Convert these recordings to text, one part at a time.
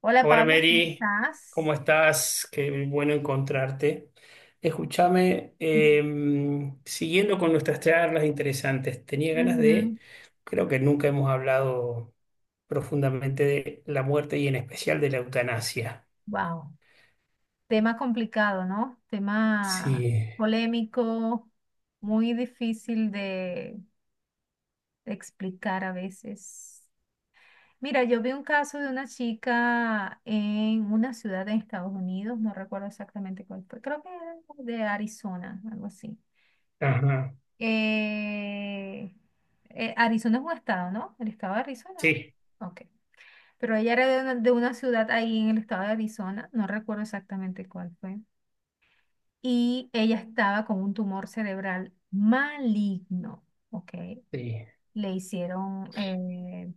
Hola Hola Pablo, ¿cómo Mary, estás? ¿cómo estás? Qué bueno encontrarte. Escúchame, siguiendo con nuestras charlas interesantes, tenía ganas de, Ujú. creo que nunca hemos hablado profundamente de la muerte y en especial de la eutanasia. Wow, tema complicado, ¿no? Tema Sí, polémico, muy difícil de explicar a veces. Mira, yo vi un caso de una chica en una ciudad en Estados Unidos, no recuerdo exactamente cuál fue, creo que era de Arizona, algo así. ajá, Eh, Arizona es un estado, ¿no? El estado de Arizona, ¿eh? sí, Ok. Pero ella era de una ciudad ahí en el estado de Arizona, no recuerdo exactamente cuál fue. Y ella estaba con un tumor cerebral maligno, ¿ok? sí, Le hicieron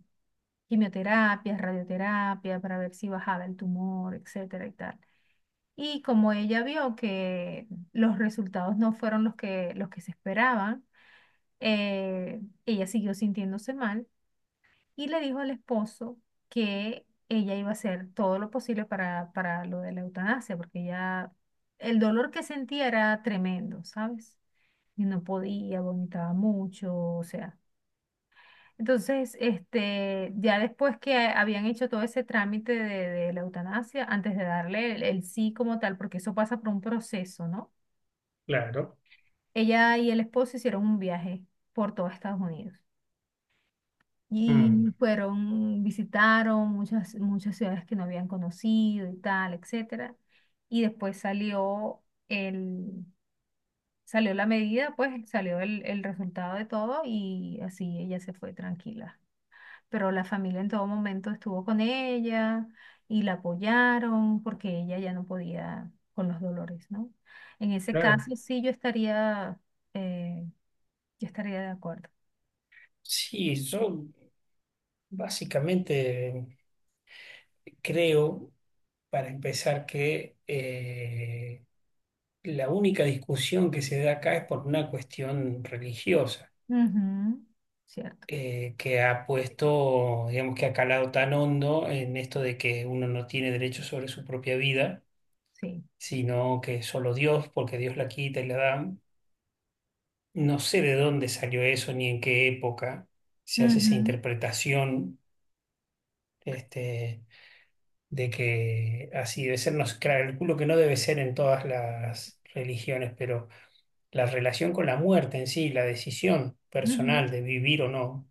quimioterapias, radioterapia para ver si bajaba el tumor, etcétera y tal. Y como ella vio que los resultados no fueron los que se esperaban, ella siguió sintiéndose mal y le dijo al esposo que ella iba a hacer todo lo posible para lo de la eutanasia, porque ella, el dolor que sentía era tremendo, ¿sabes? Y no podía, vomitaba mucho, o sea. Entonces, este, ya después que habían hecho todo ese trámite de la eutanasia, antes de darle el sí como tal, porque eso pasa por un proceso, ¿no? claro, Ella y el esposo hicieron un viaje por todo Estados Unidos. mm, Y fueron, visitaron muchas, muchas ciudades que no habían conocido y tal, etcétera. Y después salió el, salió la medida, pues salió el resultado de todo y así ella se fue tranquila. Pero la familia en todo momento estuvo con ella y la apoyaron porque ella ya no podía con los dolores, ¿no? En ese claro. caso sí eh, yo estaría de acuerdo. Sí, yo básicamente creo, para empezar, que... La única discusión que se da acá es por una cuestión religiosa, Ujú, cierto, que ha puesto, digamos que ha calado tan hondo en esto de que uno no tiene derecho sobre su propia vida, sí. sino que solo Dios, porque Dios la quita y la da. No sé de dónde salió eso ni en qué época se hace esa Ujú. interpretación, este, de que así debe ser. No, sé, calculo que no debe ser en todas las religiones, pero la relación con la muerte en sí, la decisión Ujú. personal de vivir o no,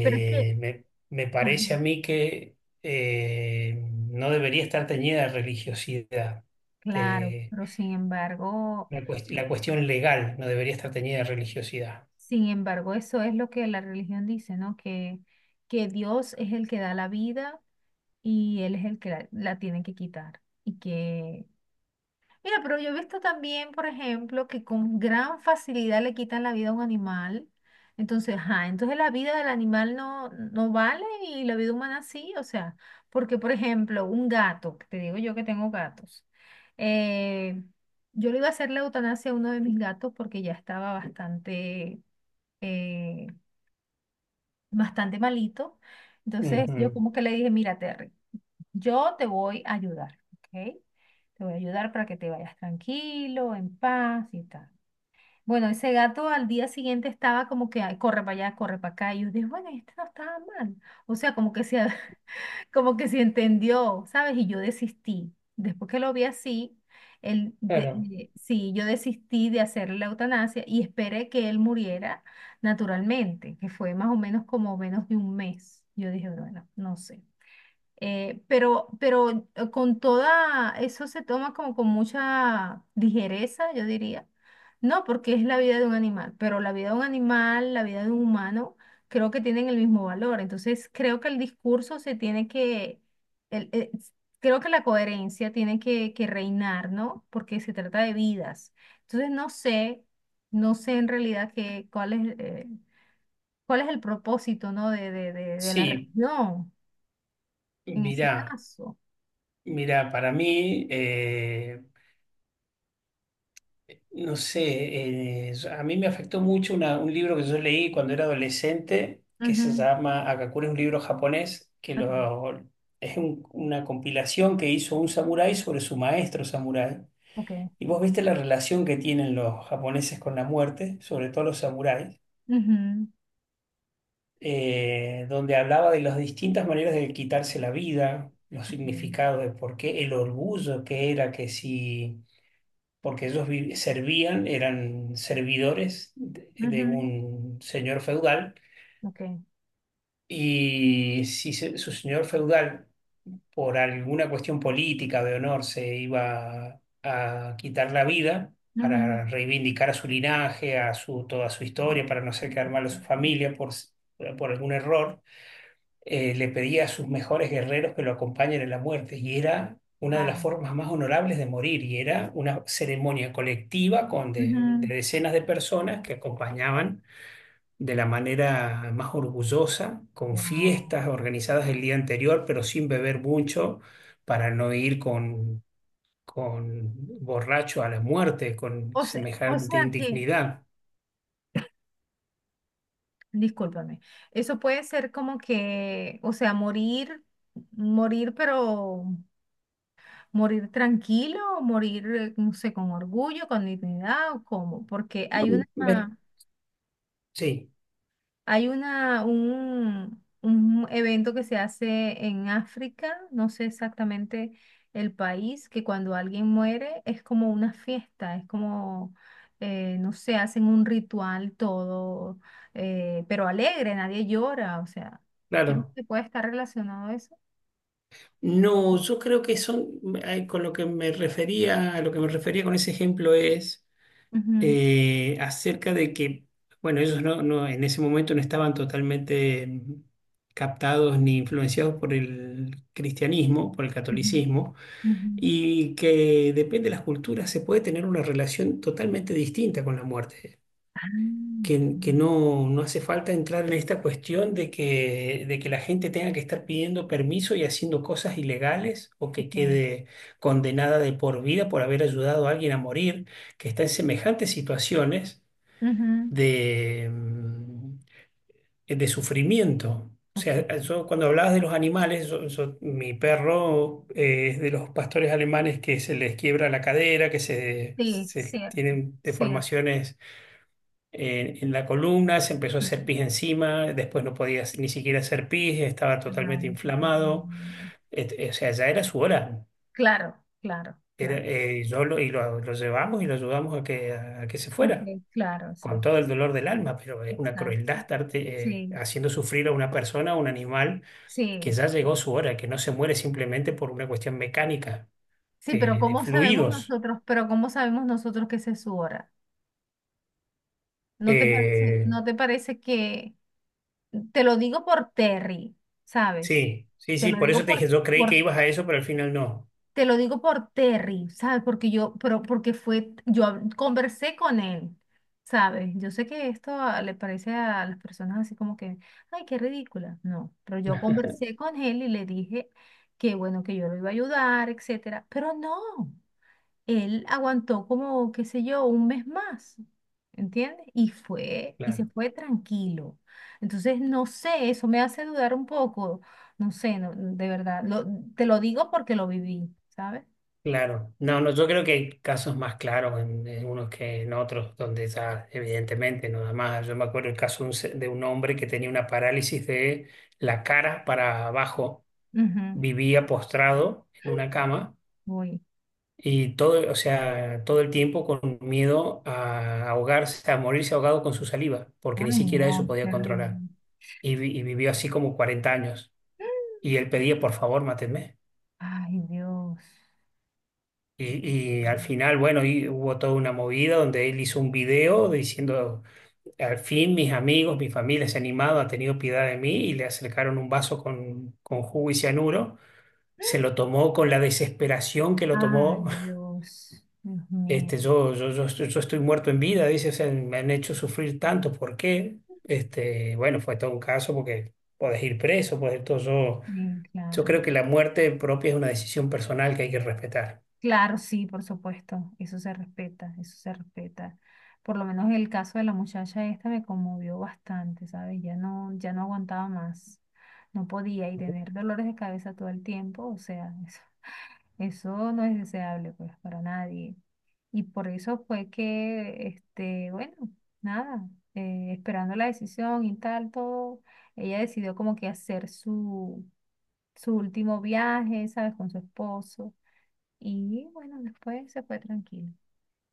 Pero es que, me, me ajá, parece a mí que eh, no debería estar teñida de religiosidad. claro, de- pero sin embargo, la cuestión legal no debería estar teñida de religiosidad. sin embargo, eso es lo que la religión dice, ¿no? Que Dios es el que da la vida y Él es el que la tiene que quitar. Y que mira, pero yo he visto también, por ejemplo, que con gran facilidad le quitan la vida a un animal. Entonces, ajá, entonces la vida del animal no, no vale y la vida humana sí. O sea, porque, por ejemplo, un gato, que te digo yo que tengo gatos, eh, yo le iba a hacer la eutanasia a uno de mis gatos porque ya estaba bastante, eh, bastante malito. Entonces, yo Ujú, como que le dije, mírate yo te voy a ayudar, ¿ok? Te voy a ayudar para que te vayas tranquilo, en paz y tal. Bueno, ese gato al día siguiente estaba como que "Ay, corre para allá, corre para acá". Y yo dije, bueno, este no estaba mal. O sea, como que se, como que se entendió, ¿sabes? Y yo desistí. Después que lo vi así, claro, sí, yo desistí de hacerle la eutanasia y esperé que él muriera naturalmente, que fue más o menos como menos de un mes. Yo dije, bueno, no sé. Pero con toda, eso se toma como con mucha ligereza, yo diría. No, porque es la vida de un animal, pero la vida de un animal, la vida de un humano, creo que tienen el mismo valor. Entonces, creo que el discurso se tiene que, el- eh, s- creo que la coherencia tiene que reinar, ¿no? Porque se trata de vidas. Entonces, no sé, no sé en realidad qué, cuál es el propósito, ¿no? De la sí, religión en ese mirá, caso. mirá, para mí... No sé, a mí me afectó mucho un libro que yo leí cuando era adolescente, que se Ujú, llama Akakure, es un libro japonés, es una compilación que hizo un samurái sobre su maestro samurái. ok, Y vos viste la relación que tienen los japoneses con la muerte, sobre todo los samuráis, ujú, donde hablaba de las distintas maneras de quitarse la vida, los ok, significados de por qué, el orgullo que era que si porque ellos servían, eran servidores de ujú, un señor feudal, ok, y si su señor feudal, por alguna cuestión política de honor, se iba a quitar la vida ujú, para reivindicar a su linaje, a su, toda su historia, para no hacer quedar mal a su familia por algún error le pedía a sus mejores guerreros que lo acompañen en la muerte, y era una de las wow. formas más honorables de morir, y era una ceremonia colectiva de Ujú. decenas de personas que acompañaban de la manera más orgullosa, con Wow. fiestas organizadas el día anterior, pero sin beber mucho para no ir con borracho a la muerte, con O sea, o semejante sea que, indignidad. discúlpame, eso puede ser como que, o sea, morir, morir, pero morir tranquilo, o morir, no sé, con orgullo, con dignidad o cómo, porque hay una, Ver, sí, hay una, un evento que se hace en África, no sé exactamente el país, que cuando alguien muere es como una fiesta, es como, no sé, hacen un ritual todo, pero alegre, nadie llora, o sea, ¿crees claro. que puede estar relacionado a eso? No, yo creo que son, con lo que me refería, a lo que me refería con ese ejemplo es Ujú, acerca de que, bueno, ellos no, no, en ese momento no estaban totalmente captados ni influenciados por el cristianismo, por el ujú, catolicismo, ujú. y que depende de las culturas se puede tener una relación totalmente distinta con la muerte Ah, que mm, no, no hace falta entrar en esta cuestión de que la gente tenga que estar pidiendo permiso y haciendo cosas ilegales o que ok. quede condenada de por vida por haber ayudado a alguien a morir, que está en semejantes situaciones Ujú, de, de sufrimiento. O ok. sea, yo cuando hablabas de los animales, mi perro es de los pastores alemanes que se les quiebra la cadera, Sí, se cierto, tienen cierto. deformaciones en la columna, se empezó a Sí. hacer pis encima, después no podía ni siquiera hacer pis, estaba totalmente Ay, qué inflamado. terrible. O sea, ya era su hora. Claro, claro, claro. Yo lo, lo llevamos y lo ayudamos a que se fuera, Ok, claro, con exacto, todo el dolor del alma, pero es una crueldad exacto. estarte Sí, haciendo sufrir a una persona, a un animal, que sí. ya llegó su hora, que no se muere simplemente por una cuestión mecánica Sí, pero de fluidos. Pero ¿cómo sabemos nosotros que esa es su hora? Eh, ¿no te parece que, te lo digo por Terry, ¿sabes? sí, sí, Te sí, lo por digo eso te dije, por, yo creí que por ibas a eso, pero al final no. Te lo digo por Terry, ¿sabes? Porque yo, pero porque fue, conversé con él, ¿sabes? Yo sé que esto le parece a las personas así como que, ay, qué ridícula. No, pero yo conversé con él y le dije que bueno, que yo lo iba a ayudar, etcétera. Pero no él aguantó como, qué sé yo, un mes más, ¿entiendes? Y fue, y se Claro. fue tranquilo. Entonces, no sé, eso me hace dudar un poco, no sé, no, de verdad, te lo digo porque lo viví, ¿sabes? Claro, no, no, yo creo que hay casos más claros en unos que en otros, donde ya evidentemente no da más. Yo me acuerdo el caso de de un hombre que tenía una parálisis de la cara para abajo, Ujú. vivía postrado en una cama Uy, y todo, o sea, todo el tiempo con miedo a ahogarse, a morirse ahogado con su saliva, porque ni ay, siquiera no, eso podía controlar. terrible. Y, y vivió así como 40 años. Y él pedía, por favor, mátenme. Ay, Dios. Y al final, bueno, y hubo toda una movida donde él hizo un video diciendo, al fin mis amigos, mi familia se ha animado, ha tenido piedad de mí y le acercaron un vaso con jugo y cianuro. Se lo tomó con la desesperación que lo Ay, tomó. Dios. Dios mío. Yo estoy muerto en vida, dice, o sea, me han hecho sufrir tanto, ¿por qué? Este, bueno, fue todo un caso porque podés ir preso, podés todo. Yo, Sí, yo claro. creo que la muerte propia es una decisión personal que hay que respetar. Claro, sí, por supuesto, eso se respeta, eso se respeta. Por lo menos el caso de la muchacha esta me conmovió bastante, ¿sabes? Ya no, ya no aguantaba más, no podía y tener dolores de cabeza todo el tiempo, o sea, eso no es deseable pues para nadie. Y por eso fue que, este, bueno, nada, esperando la decisión y tal, todo, ella decidió como que hacer su, su último viaje, ¿sabes? Con su esposo. Y bueno, después se fue tranquilo,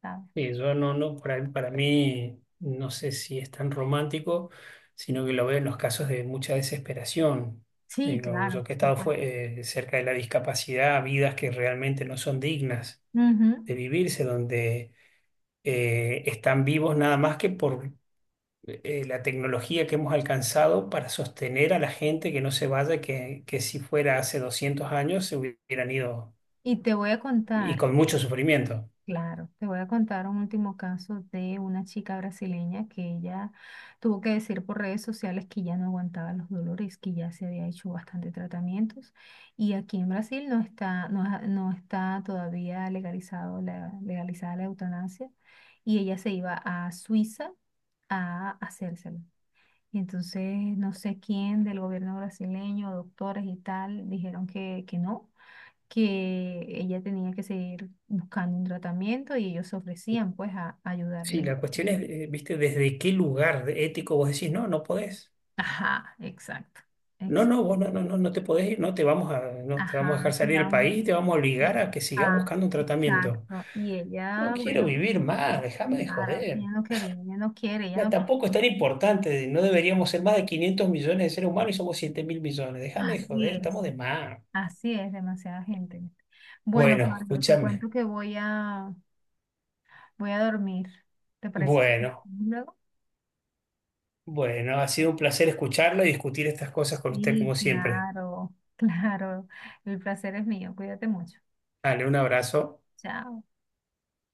¿sabes? Sí, yo no, no, para mí no sé si es tan romántico, sino que lo veo en los casos de mucha desesperación. Sí, Digo, claro, yo que he por estado supuesto. Cerca de la discapacidad, vidas que realmente no son dignas Ujú. de vivirse, donde están vivos nada más que por la tecnología que hemos alcanzado para sostener a la gente que no se vaya, que si fuera hace 200 años se hubieran ido Y te voy a y contar, con mucho sufrimiento. claro, te voy a contar un último caso de una chica brasileña que ella tuvo que decir por redes sociales que ya no aguantaba los dolores, que ya se había hecho bastante tratamientos. Y aquí en Brasil no está todavía legalizado legalizada la eutanasia. Y ella se iba a Suiza a hacérselo. Y entonces no sé quién del gobierno brasileño, doctores y tal, dijeron que no, que ella tenía que seguir buscando un tratamiento y ellos se ofrecían pues a, Sí, ayudarle. la cuestión es, viste, desde qué lugar ético vos decís, no, no podés. Ajá, exacto, No, no, exacto. vos no, no, no, no te podés ir, no te vamos a, no te vamos Ajá, a dejar salir del digamos, país, te vamos a eh, obligar a que sigas ajá, buscando un tratamiento. exacto. Y No ella, quiero bueno, vivir más, déjame de claro, joder. ella no quería, ella no quiere, ella No, no quiere. tampoco es tan importante, no deberíamos ser más de 500 millones de seres humanos y somos 7 mil millones. Déjame de Así joder, estamos es, de más. así es, demasiada gente. Bueno, Bueno, Pablo, te cuento escúchame. que voy a, voy a dormir. ¿Te parece si continuamos Bueno, luego? bueno, ha sido un placer escucharlo y discutir estas cosas con usted Sí, como siempre. claro, claro. El placer es mío. Cuídate mucho. Dale, un abrazo. Chao.